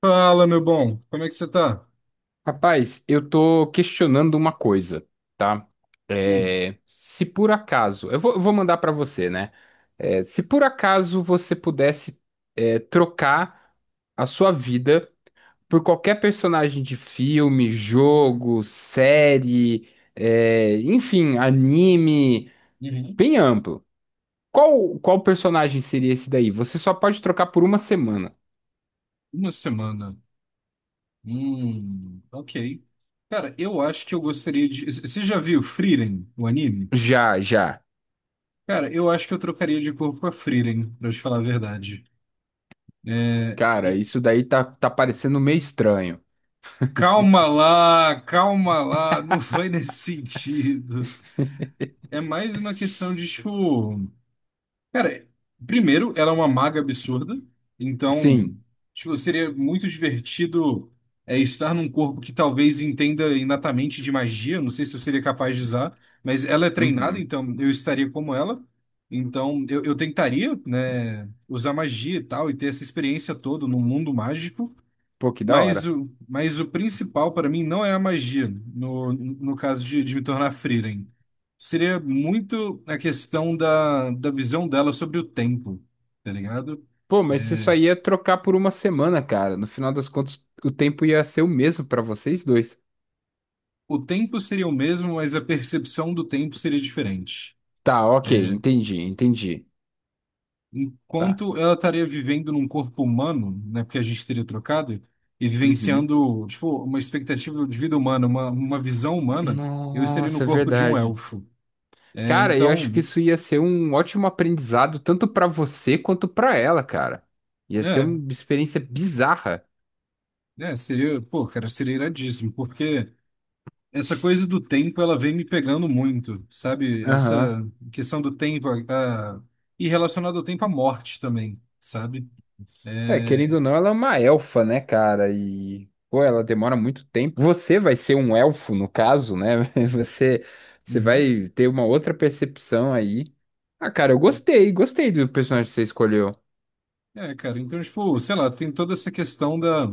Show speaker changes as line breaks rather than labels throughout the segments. Fala, meu bom, como é que você tá?
Rapaz, eu tô questionando uma coisa, tá?
Hum,
É, se por acaso, eu vou mandar pra você, né? É, se por acaso você pudesse, é, trocar a sua vida por qualquer personagem de filme, jogo, série, é, enfim, anime,
uhum.
bem amplo. Qual personagem seria esse daí? Você só pode trocar por uma semana.
Uma semana. Ok. Cara, eu acho que eu gostaria de. Você já viu Frieren, o anime?
Já, já.
Cara, eu acho que eu trocaria de corpo com a Frieren, pra te falar a verdade. É,
Cara,
e-
isso daí tá parecendo meio estranho.
Calma lá, não foi nesse sentido. É mais uma questão de, tipo. Cara, primeiro, ela é uma maga absurda, então,
Sim.
tipo, seria muito divertido estar num corpo que talvez entenda inatamente de magia, não sei se eu seria capaz de usar, mas ela é treinada,
Uhum.
então eu estaria como ela, então eu tentaria, né, usar magia e tal, e ter essa experiência toda num mundo mágico,
Pô, que da
mas
hora.
o, mas o principal para mim não é a magia, no caso de me tornar Frieren. Seria muito a questão da visão dela sobre o tempo, tá ligado?
Pô, mas você só ia trocar por uma semana, cara. No final das contas, o tempo ia ser o mesmo pra vocês dois.
O tempo seria o mesmo, mas a percepção do tempo seria diferente.
Tá, ok, entendi, entendi. Tá.
Enquanto ela estaria vivendo num corpo humano, né, porque a gente teria trocado, e
Uhum.
vivenciando, tipo, uma expectativa de vida humana, uma visão humana, eu estaria no
Nossa, é
corpo de um
verdade.
elfo. É,
Cara, eu acho que
então.
isso ia ser um ótimo aprendizado, tanto pra você quanto pra ela, cara. Ia ser
É,
uma experiência bizarra.
Seria, pô, cara, seria iradíssimo, porque essa coisa do tempo, ela vem me pegando muito, sabe?
Aham.
Essa questão do tempo, e relacionado ao tempo, a morte também, sabe?
É, querendo
É,
ou não, ela é uma elfa, né, cara? E, pô, ela demora muito tempo. Você vai ser um elfo, no caso, né? Você, você
uhum.
vai ter uma outra percepção aí. Ah, cara, eu gostei, gostei do personagem que você escolheu.
É, cara, então, tipo, sei lá, tem toda essa questão da,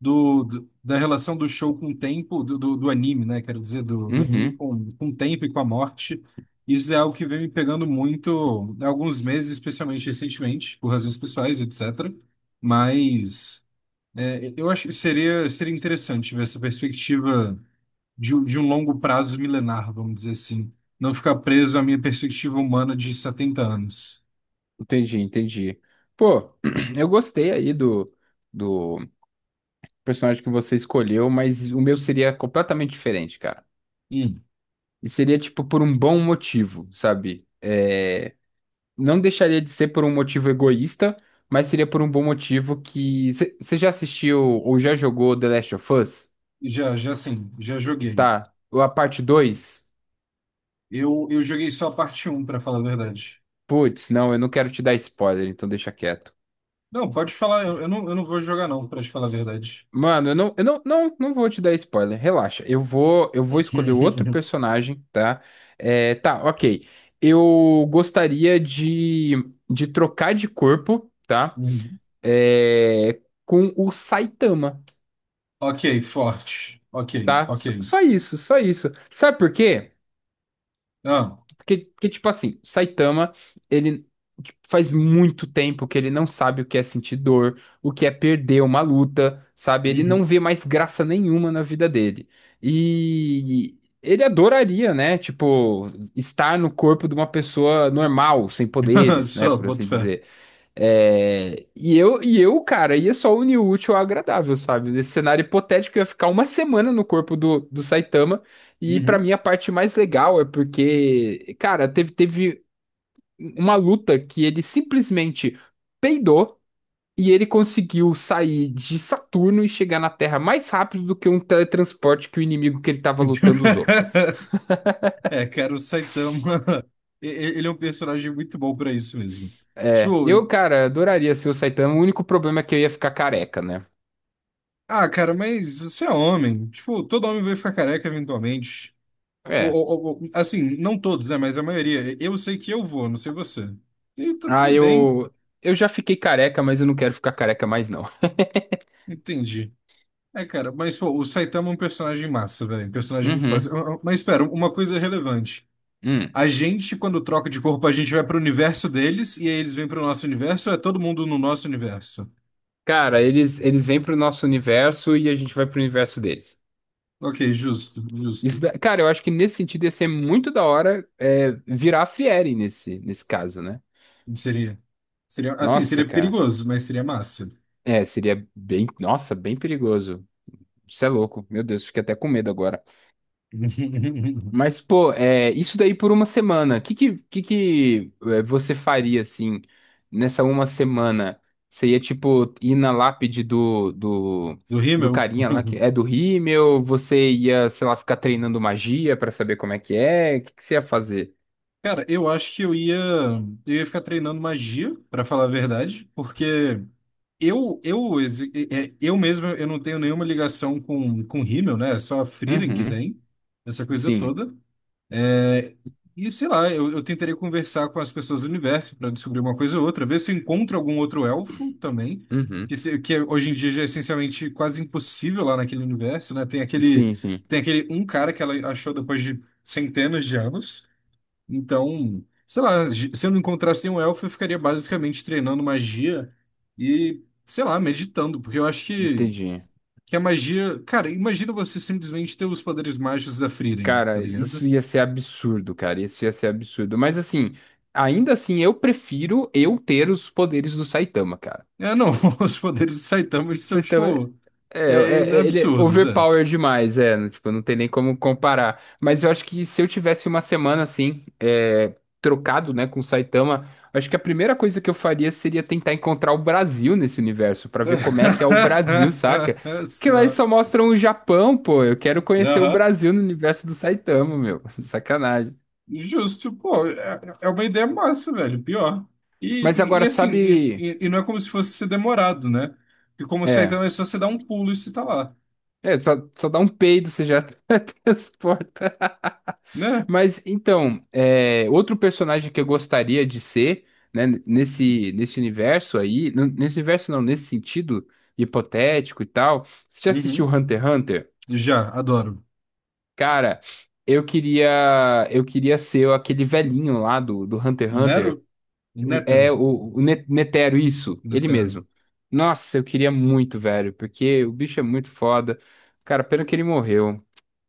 da relação do show com o tempo, do anime, né? Quero dizer, do anime
Uhum,
com o tempo e com a morte. Isso é algo que vem me pegando muito há alguns meses, especialmente recentemente, por razões pessoais, etc. Mas eu acho que seria interessante ver essa perspectiva de um longo prazo milenar, vamos dizer assim. Não ficar preso à minha perspectiva humana de 70 anos.
entendi, entendi. Pô, eu gostei aí do personagem que você escolheu, mas o meu seria completamente diferente, cara.
Hum,
E seria, tipo, por um bom motivo, sabe? É. Não deixaria de ser por um motivo egoísta, mas seria por um bom motivo que. Você já assistiu ou já jogou The Last of Us?
já sim, já joguei.
Tá. A parte 2.
Eu joguei só a parte um para falar a verdade.
Putz, não, eu não quero te dar spoiler, então deixa quieto.
Não, pode falar, eu não vou jogar não, para te falar a verdade.
Mano, eu não vou te dar spoiler, relaxa. Eu vou escolher outro personagem, tá? É, tá, ok. Eu gostaria de trocar de corpo, tá?
Uhum.
É, com o Saitama.
Ok, forte. Ok,
Tá?
ok.
Só isso, só isso. Sabe por quê?
Ah,
Porque, tipo assim, Saitama, ele tipo, faz muito tempo que ele não sabe o que é sentir dor, o que é perder uma luta, sabe? Ele não
uhum.
vê mais graça nenhuma na vida dele. E ele adoraria, né? Tipo, estar no corpo de uma pessoa normal, sem poderes, né?
Só,
Por assim
boto fé.
dizer. É, e eu, cara, ia só unir o útil ao agradável, sabe? Nesse cenário hipotético, eu ia ficar uma semana no corpo do Saitama. E pra
Uhum.
mim, a parte mais legal é porque, cara, teve uma luta que ele simplesmente peidou e ele conseguiu sair de Saturno e chegar na Terra mais rápido do que um teletransporte que o inimigo que ele tava lutando usou.
É, cara, o Saitama, e- e- ele é um personagem muito bom pra isso mesmo.
É,
Tipo,
eu, cara, adoraria ser o Saitama. O único problema é que eu ia ficar careca, né?
ah, cara, mas você é homem. Tipo, todo homem vai ficar careca eventualmente. Ou,
É.
ou- ou- ou- assim, não todos, né? Mas a maioria. Eu sei que eu vou, não sei você. E tá
Ah,
tudo bem.
Eu já fiquei careca, mas eu não quero ficar careca mais, não.
Entendi. É, cara, mas pô, o Saitama é um personagem massa, velho. Um personagem muito massa.
Uhum.
Ah, ah, mas espera, uma coisa relevante.
Hum.
A gente, quando troca de corpo, a gente vai pro universo deles e aí eles vêm pro nosso universo ou é todo mundo no nosso universo?
Cara, eles, vêm pro nosso universo e a gente vai pro universo deles.
Ok, justo, justo.
Cara, eu acho que nesse sentido ia ser muito da hora é, virar a Fieri nesse caso, né?
Seria, seria, assim,
Nossa,
seria
cara.
perigoso, mas seria massa.
É, seria bem. Nossa, bem perigoso. Isso é louco. Meu Deus, fiquei até com medo agora. Mas, pô, é, isso daí por uma semana. O que que é, você faria, assim, nessa uma semana? Você ia, tipo, ir na lápide do, do,
Do
do
rímel?
carinha lá, que é do Rímel? Você ia, sei lá, ficar treinando magia pra saber como é que é? O que que você ia fazer?
Cara, eu acho que eu ia ficar treinando magia, pra falar a verdade, porque eu, exi- é, é, eu mesmo, eu não tenho nenhuma ligação com rímel, né? É só a Frieren que
Uhum,
tem, essa coisa
sim.
toda. E sei lá, eu tentarei conversar com as pessoas do universo para descobrir uma coisa ou outra, ver se eu encontro algum outro elfo também,
Uhum.
que, se- que hoje em dia já é essencialmente quase impossível lá naquele universo, né? Tem aquele,
Sim, sim.
tem aquele um cara que ela achou depois de centenas de anos. Então, sei lá, se eu não encontrasse nenhum elfo, eu ficaria basicamente treinando magia e, sei lá, meditando, porque eu acho
Entendi.
que a magia. Cara, imagina você simplesmente ter os poderes mágicos da Frieren, tá
Cara,
ligado?
isso ia ser absurdo, cara. Isso ia ser absurdo. Mas, assim, ainda assim, eu prefiro eu ter os poderes do Saitama, cara.
É, não,
Tipo.
os poderes do Saitama eles são,
Você também.
tipo, é,
Ele é
absurdos, é.
overpower demais, é, não- tipo, não tem nem como comparar. Mas eu acho que se eu tivesse uma semana assim, é, trocado, né, com o Saitama, acho que a primeira coisa que eu faria seria tentar encontrar o Brasil nesse universo, pra ver como é que é o Brasil, saca? Porque lá eles
Só.
só mostram o Japão, pô. Eu quero conhecer o
Aham.
Brasil no universo do Saitama, meu. Sacanagem.
Justo, pô, é uma ideia massa, velho, pior. E,
Mas
e,
agora,
e assim,
sabe.
e não é como se fosse ser demorado, né? Porque como o
É,
Saitama é só você dar um pulo e você tá lá,
só dá um peido, você já transporta.
né?
Mas então, é, outro personagem que eu gostaria de ser, né, nesse, universo aí, nesse universo não, nesse sentido hipotético e tal. Você já assistiu
Uhum.
Hunter x Hunter?
Já, adoro.
Cara, eu queria eu queria ser aquele velhinho lá do, do Hunter x Hunter.
Nero?
É
Nétero?
o, o Netero, isso, ele
Netero.
mesmo. Nossa, eu queria muito, velho, porque o bicho é muito foda. Cara, pena que ele morreu.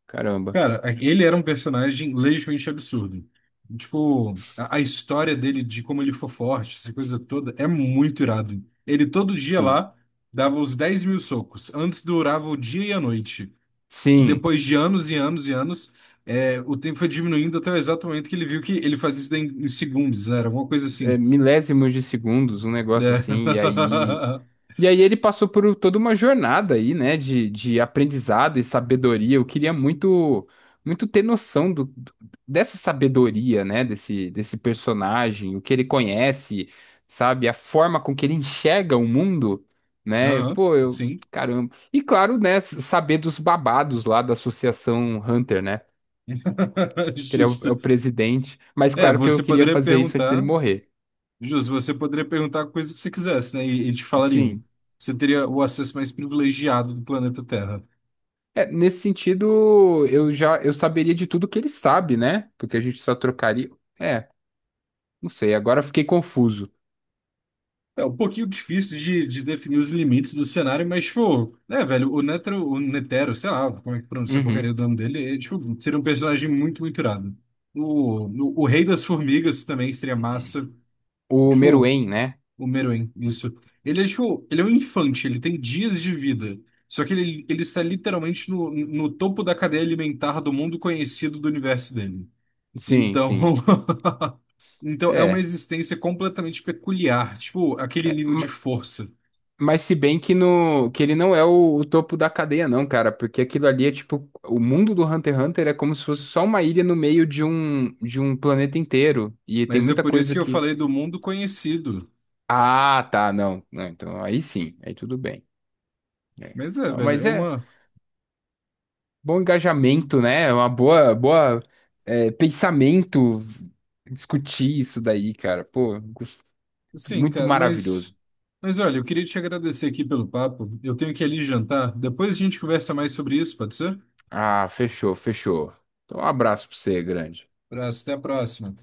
Caramba.
Cara, ele era um personagem legitimamente absurdo. Tipo, a história dele, de como ele ficou forte, essa coisa toda, é muito irado. Ele todo dia
Sim.
lá dava os 10.000 socos. Antes durava o dia e a noite.
Sim.
Depois de anos e anos e anos, o tempo foi diminuindo até o exato momento que ele viu que ele fazia isso em, segundos, né? Era alguma coisa
É,
assim,
milésimos de segundos, um negócio
né?
assim, e aí. E aí ele passou por toda uma jornada aí, né, de aprendizado e sabedoria. Eu queria muito muito ter noção dessa sabedoria, né, desse personagem, o que ele conhece, sabe, a forma com que ele enxerga o mundo, né?
Aham,
Pô, eu,
sim.
caramba. E claro, né, saber dos babados lá da Associação Hunter, né? Que ele é o,
Justo.
é o presidente, mas
É,
claro que eu
você
queria
poderia
fazer isso antes dele
perguntar.
morrer.
Você poderia perguntar a coisa que você quisesse, né? E te falariam.
Sim.
Você teria o acesso mais privilegiado do planeta Terra.
É, nesse sentido, eu já eu saberia de tudo que ele sabe, né? Porque a gente só trocaria. É, não sei, agora fiquei confuso.
É um pouquinho difícil de definir os limites do cenário, mas, tipo, né, velho, o Netero, sei lá, como é que pronuncia a
Uhum.
porcaria do nome dele, tipo, seria um personagem muito, muito irado. O Rei das Formigas também seria massa.
O
Tipo,
Meruem, né?
o Meruem, isso. Ele é tipo, ele é um infante, ele tem dias de vida. Só que ele está literalmente no topo da cadeia alimentar do mundo conhecido do universo dele.
Sim,
Então,
sim.
então é uma
É.
existência completamente peculiar, tipo aquele
é,
nível de
ma-
força.
mas se bem que ele não é o topo da cadeia, não, cara. Porque aquilo ali é tipo. O mundo do Hunter x Hunter é como se fosse só uma ilha no meio de um planeta inteiro. E tem
Mas é
muita
por isso
coisa
que eu
que.
falei do mundo conhecido.
Ah, tá, não. Não, então aí sim, aí tudo bem. É.
Mas é,
Não,
velho,
mas
é
é.
uma,
Bom engajamento, né? É uma boa, boa, é, pensamento discutir isso daí, cara. Pô,
sim,
muito
cara, mas
maravilhoso.
mas olha, eu queria te agradecer aqui pelo papo. Eu tenho que ir ali jantar. Depois a gente conversa mais sobre isso, pode ser?
Ah, fechou, fechou. Então, um abraço pra você, grande.
Abraço, até a próxima.